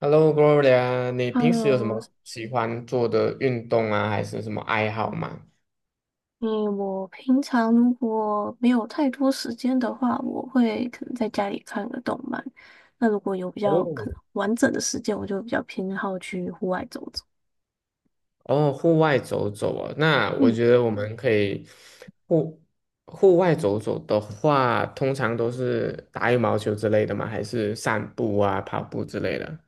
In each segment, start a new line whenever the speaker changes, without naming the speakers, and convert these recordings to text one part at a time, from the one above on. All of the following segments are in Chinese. Hello, Gloria，你平时有什么
Hello，
喜欢做的运动啊，还是什么爱好吗？
嗯，我平常如果没有太多时间的话，我会可能在家里看个动漫。那如果有比较可
哦，
能完整的时间，我就比较偏好去户外走走。
哦，户外走走啊。那我
嗯，
觉得我们可以户户外走走的话，通常都是打羽毛球之类的吗？还是散步啊、跑步之类的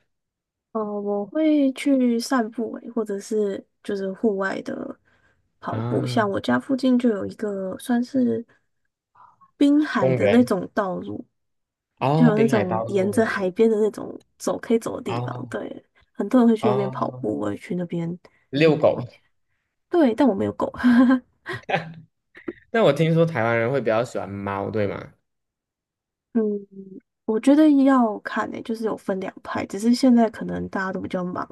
我会去散步诶，或者是就是户外的跑步。
啊？
像我家附近就有一个算是滨海
公
的那
园
种道路，就
哦，
有那
滨海道
种沿着
路
海边的那种走可以走的地方。
哦
对，很多人会去那边跑
哦，
步，我也去那边。
遛狗。
对，但我没有狗。
那我听说台湾人会比较喜欢猫，对吗？
嗯，我觉得要看诶、就是有分两派，只是现在可能大家都比较忙，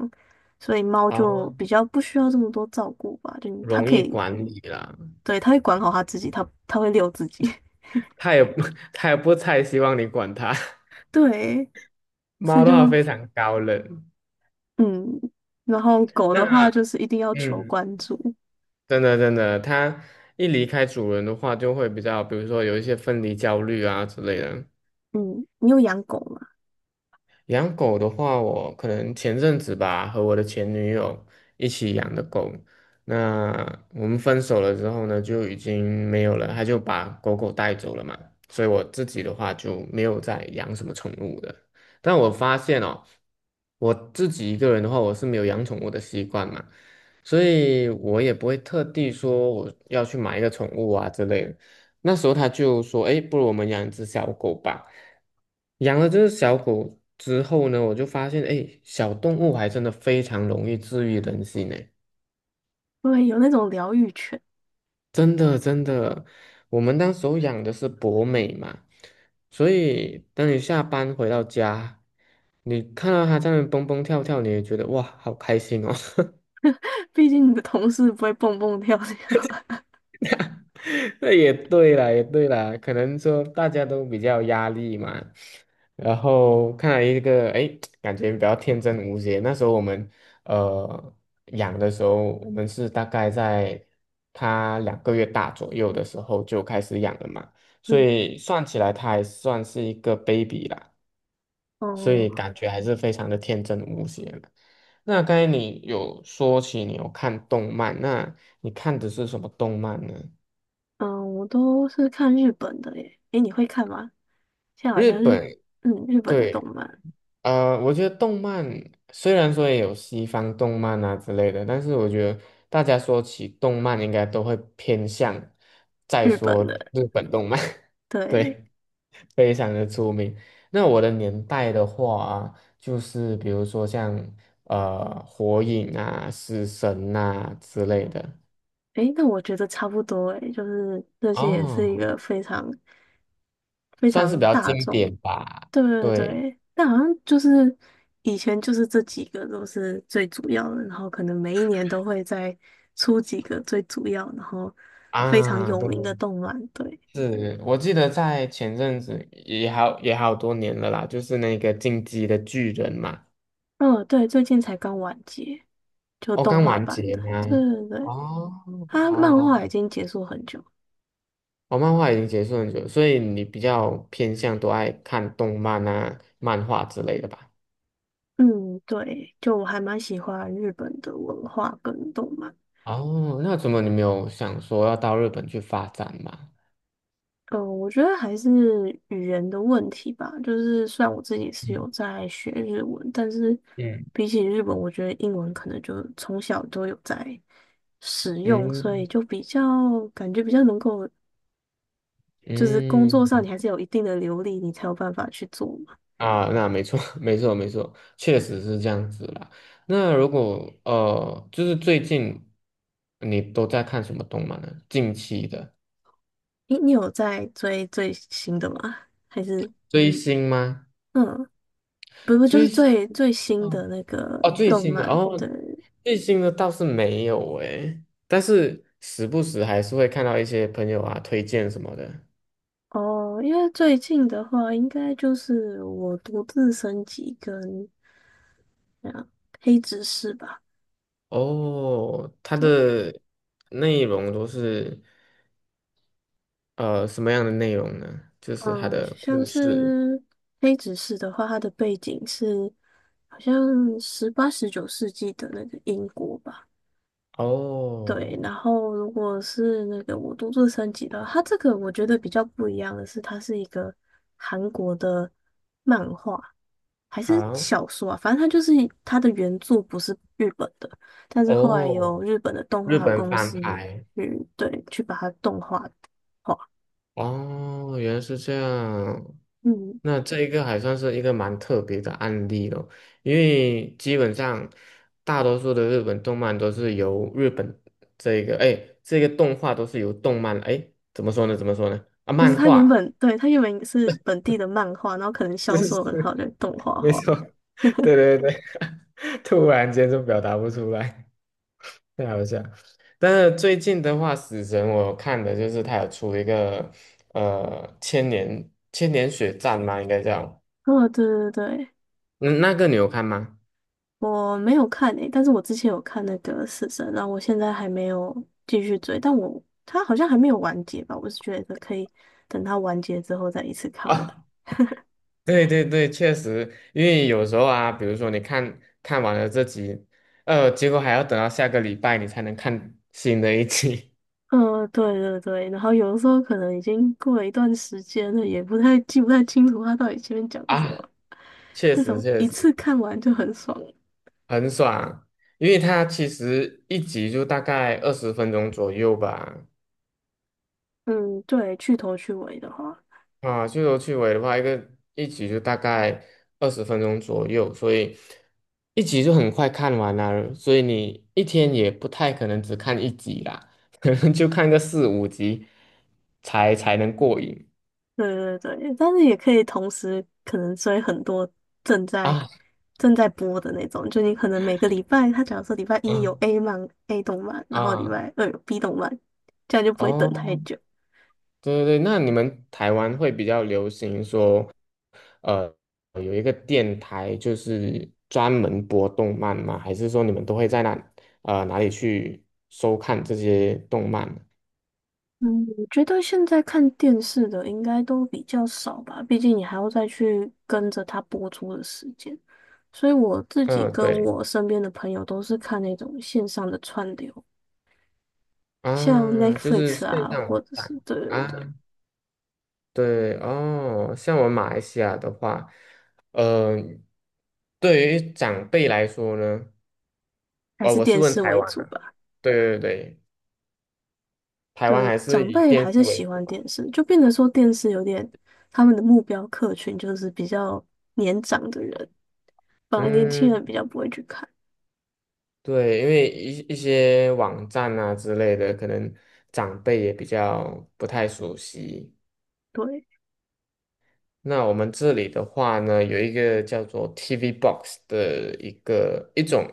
所以猫就
哦，
比较不需要这么多照顾吧，就你它
容
可
易
以，
管理啦。
对，它会管好它自己，它会遛自己。
它也不 它也不太希望你管它。
对，所
猫
以
的
就
话非常高冷。
嗯，然后狗的话
那
就是一定要求
嗯，
关注。
真的真的，它一离开主人的话，就会比较，比如说有一些分离焦虑啊之类的。
嗯，你有养狗吗？
养狗的话，我可能前阵子吧，和我的前女友一起养的狗。那我们分手了之后呢，就已经没有了，他就把狗狗带走了嘛。所以我自己的话就没有再养什么宠物的。但我发现哦，我自己一个人的话，我是没有养宠物的习惯嘛，所以我也不会特地说我要去买一个宠物啊之类的。那时候他就说：“哎，不如我们养一只小狗吧。”养了这只小狗之后呢，我就发现，哎，小动物还真的非常容易治愈人心呢。
对，有那种疗愈犬。
真的，真的，我们当时候养的是博美嘛，所以当你下班回到家，你看到它在那边蹦蹦跳跳，你也觉得哇，好开心哦。
毕竟你的同事不会蹦蹦跳跳。
那也对啦，也对啦，可能说大家都比较有压力嘛，然后看来一个，哎，诶感觉比较天真无邪。那时候我们呃养的时候，我们是大概在它两个月大左右的时候就开始养了嘛，所
嗯，
以算起来它还算是一个 baby 啦，所以
哦，
感觉还是非常的天真无邪的。那刚才你有说起你有看动漫，那你看的是什么动漫呢？
嗯，我都是看日本的耶，诶，你会看吗？现在好
日
像是
本，
日本的动
对，
漫，
我觉得动漫虽然说也有西方动漫啊之类的，但是我觉得大家说起动漫，应该都会偏向再
日本
说
的
日本动漫。
对，
对，非常的出名。那我的年代的话啊就是比如说像火影啊、死神啊之类的，
诶，那我觉得差不多诶，就是这些也是一
哦，
个非常非
算是比
常
较
大
经
众，
典吧，
对对
对
对，但好像就是以前就是这几个都是最主要的，然后可能每一年都会再出几个最主要，然后非常
啊，
有
对。
名的动漫，对，
是我记得在前阵子也好多年了啦，就是那个《进击的巨人》嘛。
嗯对，最近才刚完结，就
哦，
动
刚
画
完
版
结
的，对
吗？
对对，
哦，好
它
好
漫画
好。
已经结束很久。
哦，漫画已经结束很久，所以你比较偏向都爱看动漫啊、漫画之类的吧？
嗯，对，就我还蛮喜欢日本的文化跟动漫。
哦，那怎么你没有想说要到日本去发展嘛？
嗯，我觉得还是语言的问题吧。就是虽然我自己是有
嗯
在学日文，但是
嗯
比起日本，我觉得英文可能就从小都有在使用，所
嗯
以就比较感觉比较能够，就是工作上
嗯。
你还是有一定的流利，你才有办法去做嘛。
啊，那没错，没错，没错，确实是这样子啦。那如果就是最近你都在看什么动漫呢？近期的
诶，你有在追最新的吗？还是
追星吗？
嗯，不不，就是
追星
最最新
嗯。
的那个
哦，最
动
新的
漫，
哦，
对。
最新的倒是没有诶，但是时不时还是会看到一些朋友啊推荐什么的。
哦，因为最近的话，应该就是我独自升级跟啊黑执事吧。
哦，它
对，
的内容都是什么样的内容呢？就是它
嗯，
的
像
故事。
是黑执事的话，它的背景是好像18、19世纪的那个英国吧。
哦，
对，然后如果是那个我都自升级的话，它这个我觉得比较不一样的是，它是一个韩国的漫画还是
好。
小说啊，反正它就是它的原著不是日本的，但是后来有
哦，
日本的动
日
画
本
公
翻
司
拍。
去把它动画化，
哦，原来是这样。
嗯，
那这一个还算是一个蛮特别的案例哦，因为基本上大多数的日本动漫都是由日本这个，哎，这个动画都是由动漫，哎，怎么说呢？怎么说呢？啊，
就是
漫画，
它原本是本地的漫画，然后可能
就
销售很
是
好就动画
没
化，
错，对对对，突然间就表达不出来。了解。但是最近的话，死神我看的就是他有出一个千年千年血战嘛，应该叫。
哦，对对对。
嗯，那个你有看吗？
我没有看诶、但是我之前有看那个《死神》，然后我现在还没有继续追，但他好像还没有完结吧，我是觉得可以等他完结之后再一次 看完。
啊，对对对，确实，因为有时候啊，比如说你看看完了这集，呃，结果还要等到下个礼拜你才能看新的一集。
嗯、对对对，然后有的时候可能已经过了一段时间了，也不太清楚他到底前面讲 的什
啊，
么，
确
那
实
种
确
一
实
次看完就很爽了。
很爽，因为它其实一集就大概二十分钟左右吧。
嗯，对，去头去尾的话。
啊，去头去尾的话，一个一集就大概二十分钟左右，所以一集就很快看完了，所以你一天也不太可能只看一集啦，可能就看个四五集才能过瘾
对对对，但是也可以同时可能追很多正在
啊
正在播的那种，就你可能每个礼拜，他假如说礼拜一有
啊
A 动漫，然后礼
啊！
拜二有 B 动漫，这样就不会等太
哦，
久。
对对对，那你们台湾会比较流行说，呃，有一个电台就是专门播动漫吗？还是说你们都会在那哪里去收看这些动漫呢？
嗯，我觉得现在看电视的应该都比较少吧，毕竟你还要再去跟着它播出的时间。所以我自己
嗯，
跟
对
我身边的朋友都是看那种线上的串流，像
啊，就是
Netflix
线
啊，
上网
或者是
站
对对对，
啊。对哦，像我们马来西亚的话，呃，对于长辈来说呢，
还
哦，
是
我是
电
问
视
台
为
湾
主
的，
吧。
对对对，台湾
对，
还是
长
以
辈
电
还是
视为
喜
主
欢
吧？
电视，就变得说电视有点他们的目标客群就是比较年长的人，反而年轻
嗯，
人比较不会去看。
对，因为一些网站啊之类的，可能长辈也比较不太熟悉。
对，
那我们这里的话呢，有一个叫做 TV Box 的一个一种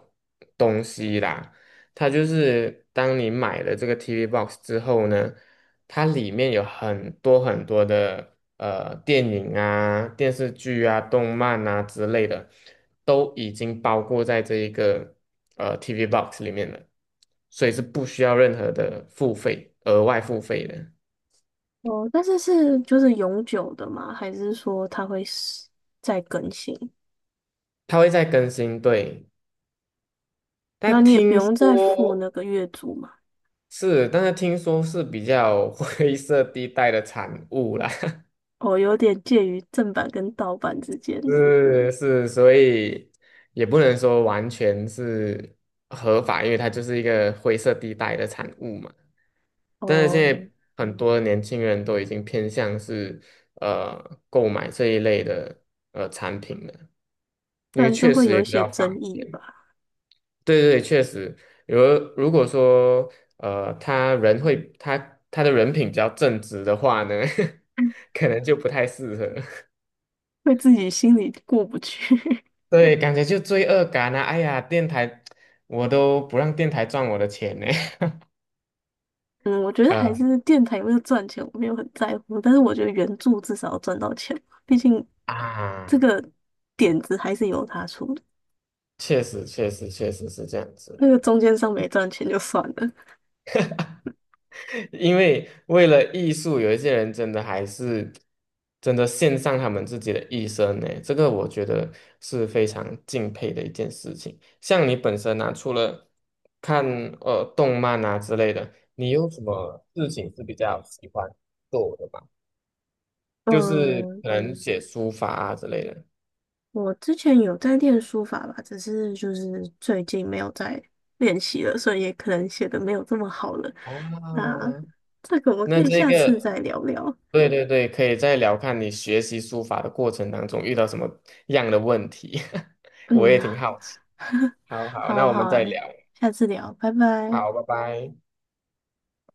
东西啦，它就是当你买了这个 TV Box 之后呢，它里面有很多很多的电影啊、电视剧啊、动漫啊之类的，都已经包括在这一个TV Box 里面了，所以是不需要任何的付费，额外付费的。
哦，但是是就是永久的嘛，还是说它会是再更新？
它会再更新，对。
然
但
后你也不
听
用再付
说，
那个月租嘛？
是，但是听说是比较 灰色地带的产物啦。
哦，有点介于正版跟盗版之间。
是是，所以也不能说完全是合法，因为它就是一个灰色地带的产物嘛。但是现
哦，
在很多年轻人都已经偏向是购买这一类的产品了，因
不
为
然就
确
会
实
有
也
一
比
些
较方
争议
便。
吧，
对对对，确实，如如果说他人会他的人品比较正直的话呢，可能就不太适合。
会自己心里过不去。
对，感觉就罪恶感啊！哎呀，电台我都不让电台赚我的钱呢。
嗯，我觉 得还
呃
是电台有没有赚钱，我没有很在乎，但是我觉得原著至少要赚到钱，毕竟这
啊，
个点子还是由他出的，
确实确实确实是这样子啦。
那个中间商没赚钱就算了。
因为为了艺术，有一些人真的还是真的献上他们自己的一生呢，这个我觉得是非常敬佩的一件事情。像你本身啊，除了看动漫啊之类的，你有什么事情是比较喜欢做的吗？就是
嗯，
可能写书法啊之类的。
我之前有在练书法吧，只是就是最近没有在练习了，所以也可能写的没有这么好了。
啊，
那这个我们可
那
以
这
下次
个，
再聊聊。
对对对，可以再聊看你学习书法的过程当中遇到什么样的问题，我
嗯，
也挺好奇。好好，
好
那
啊，
我
好
们
啊，
再聊。
下次聊，拜拜。
好，拜拜。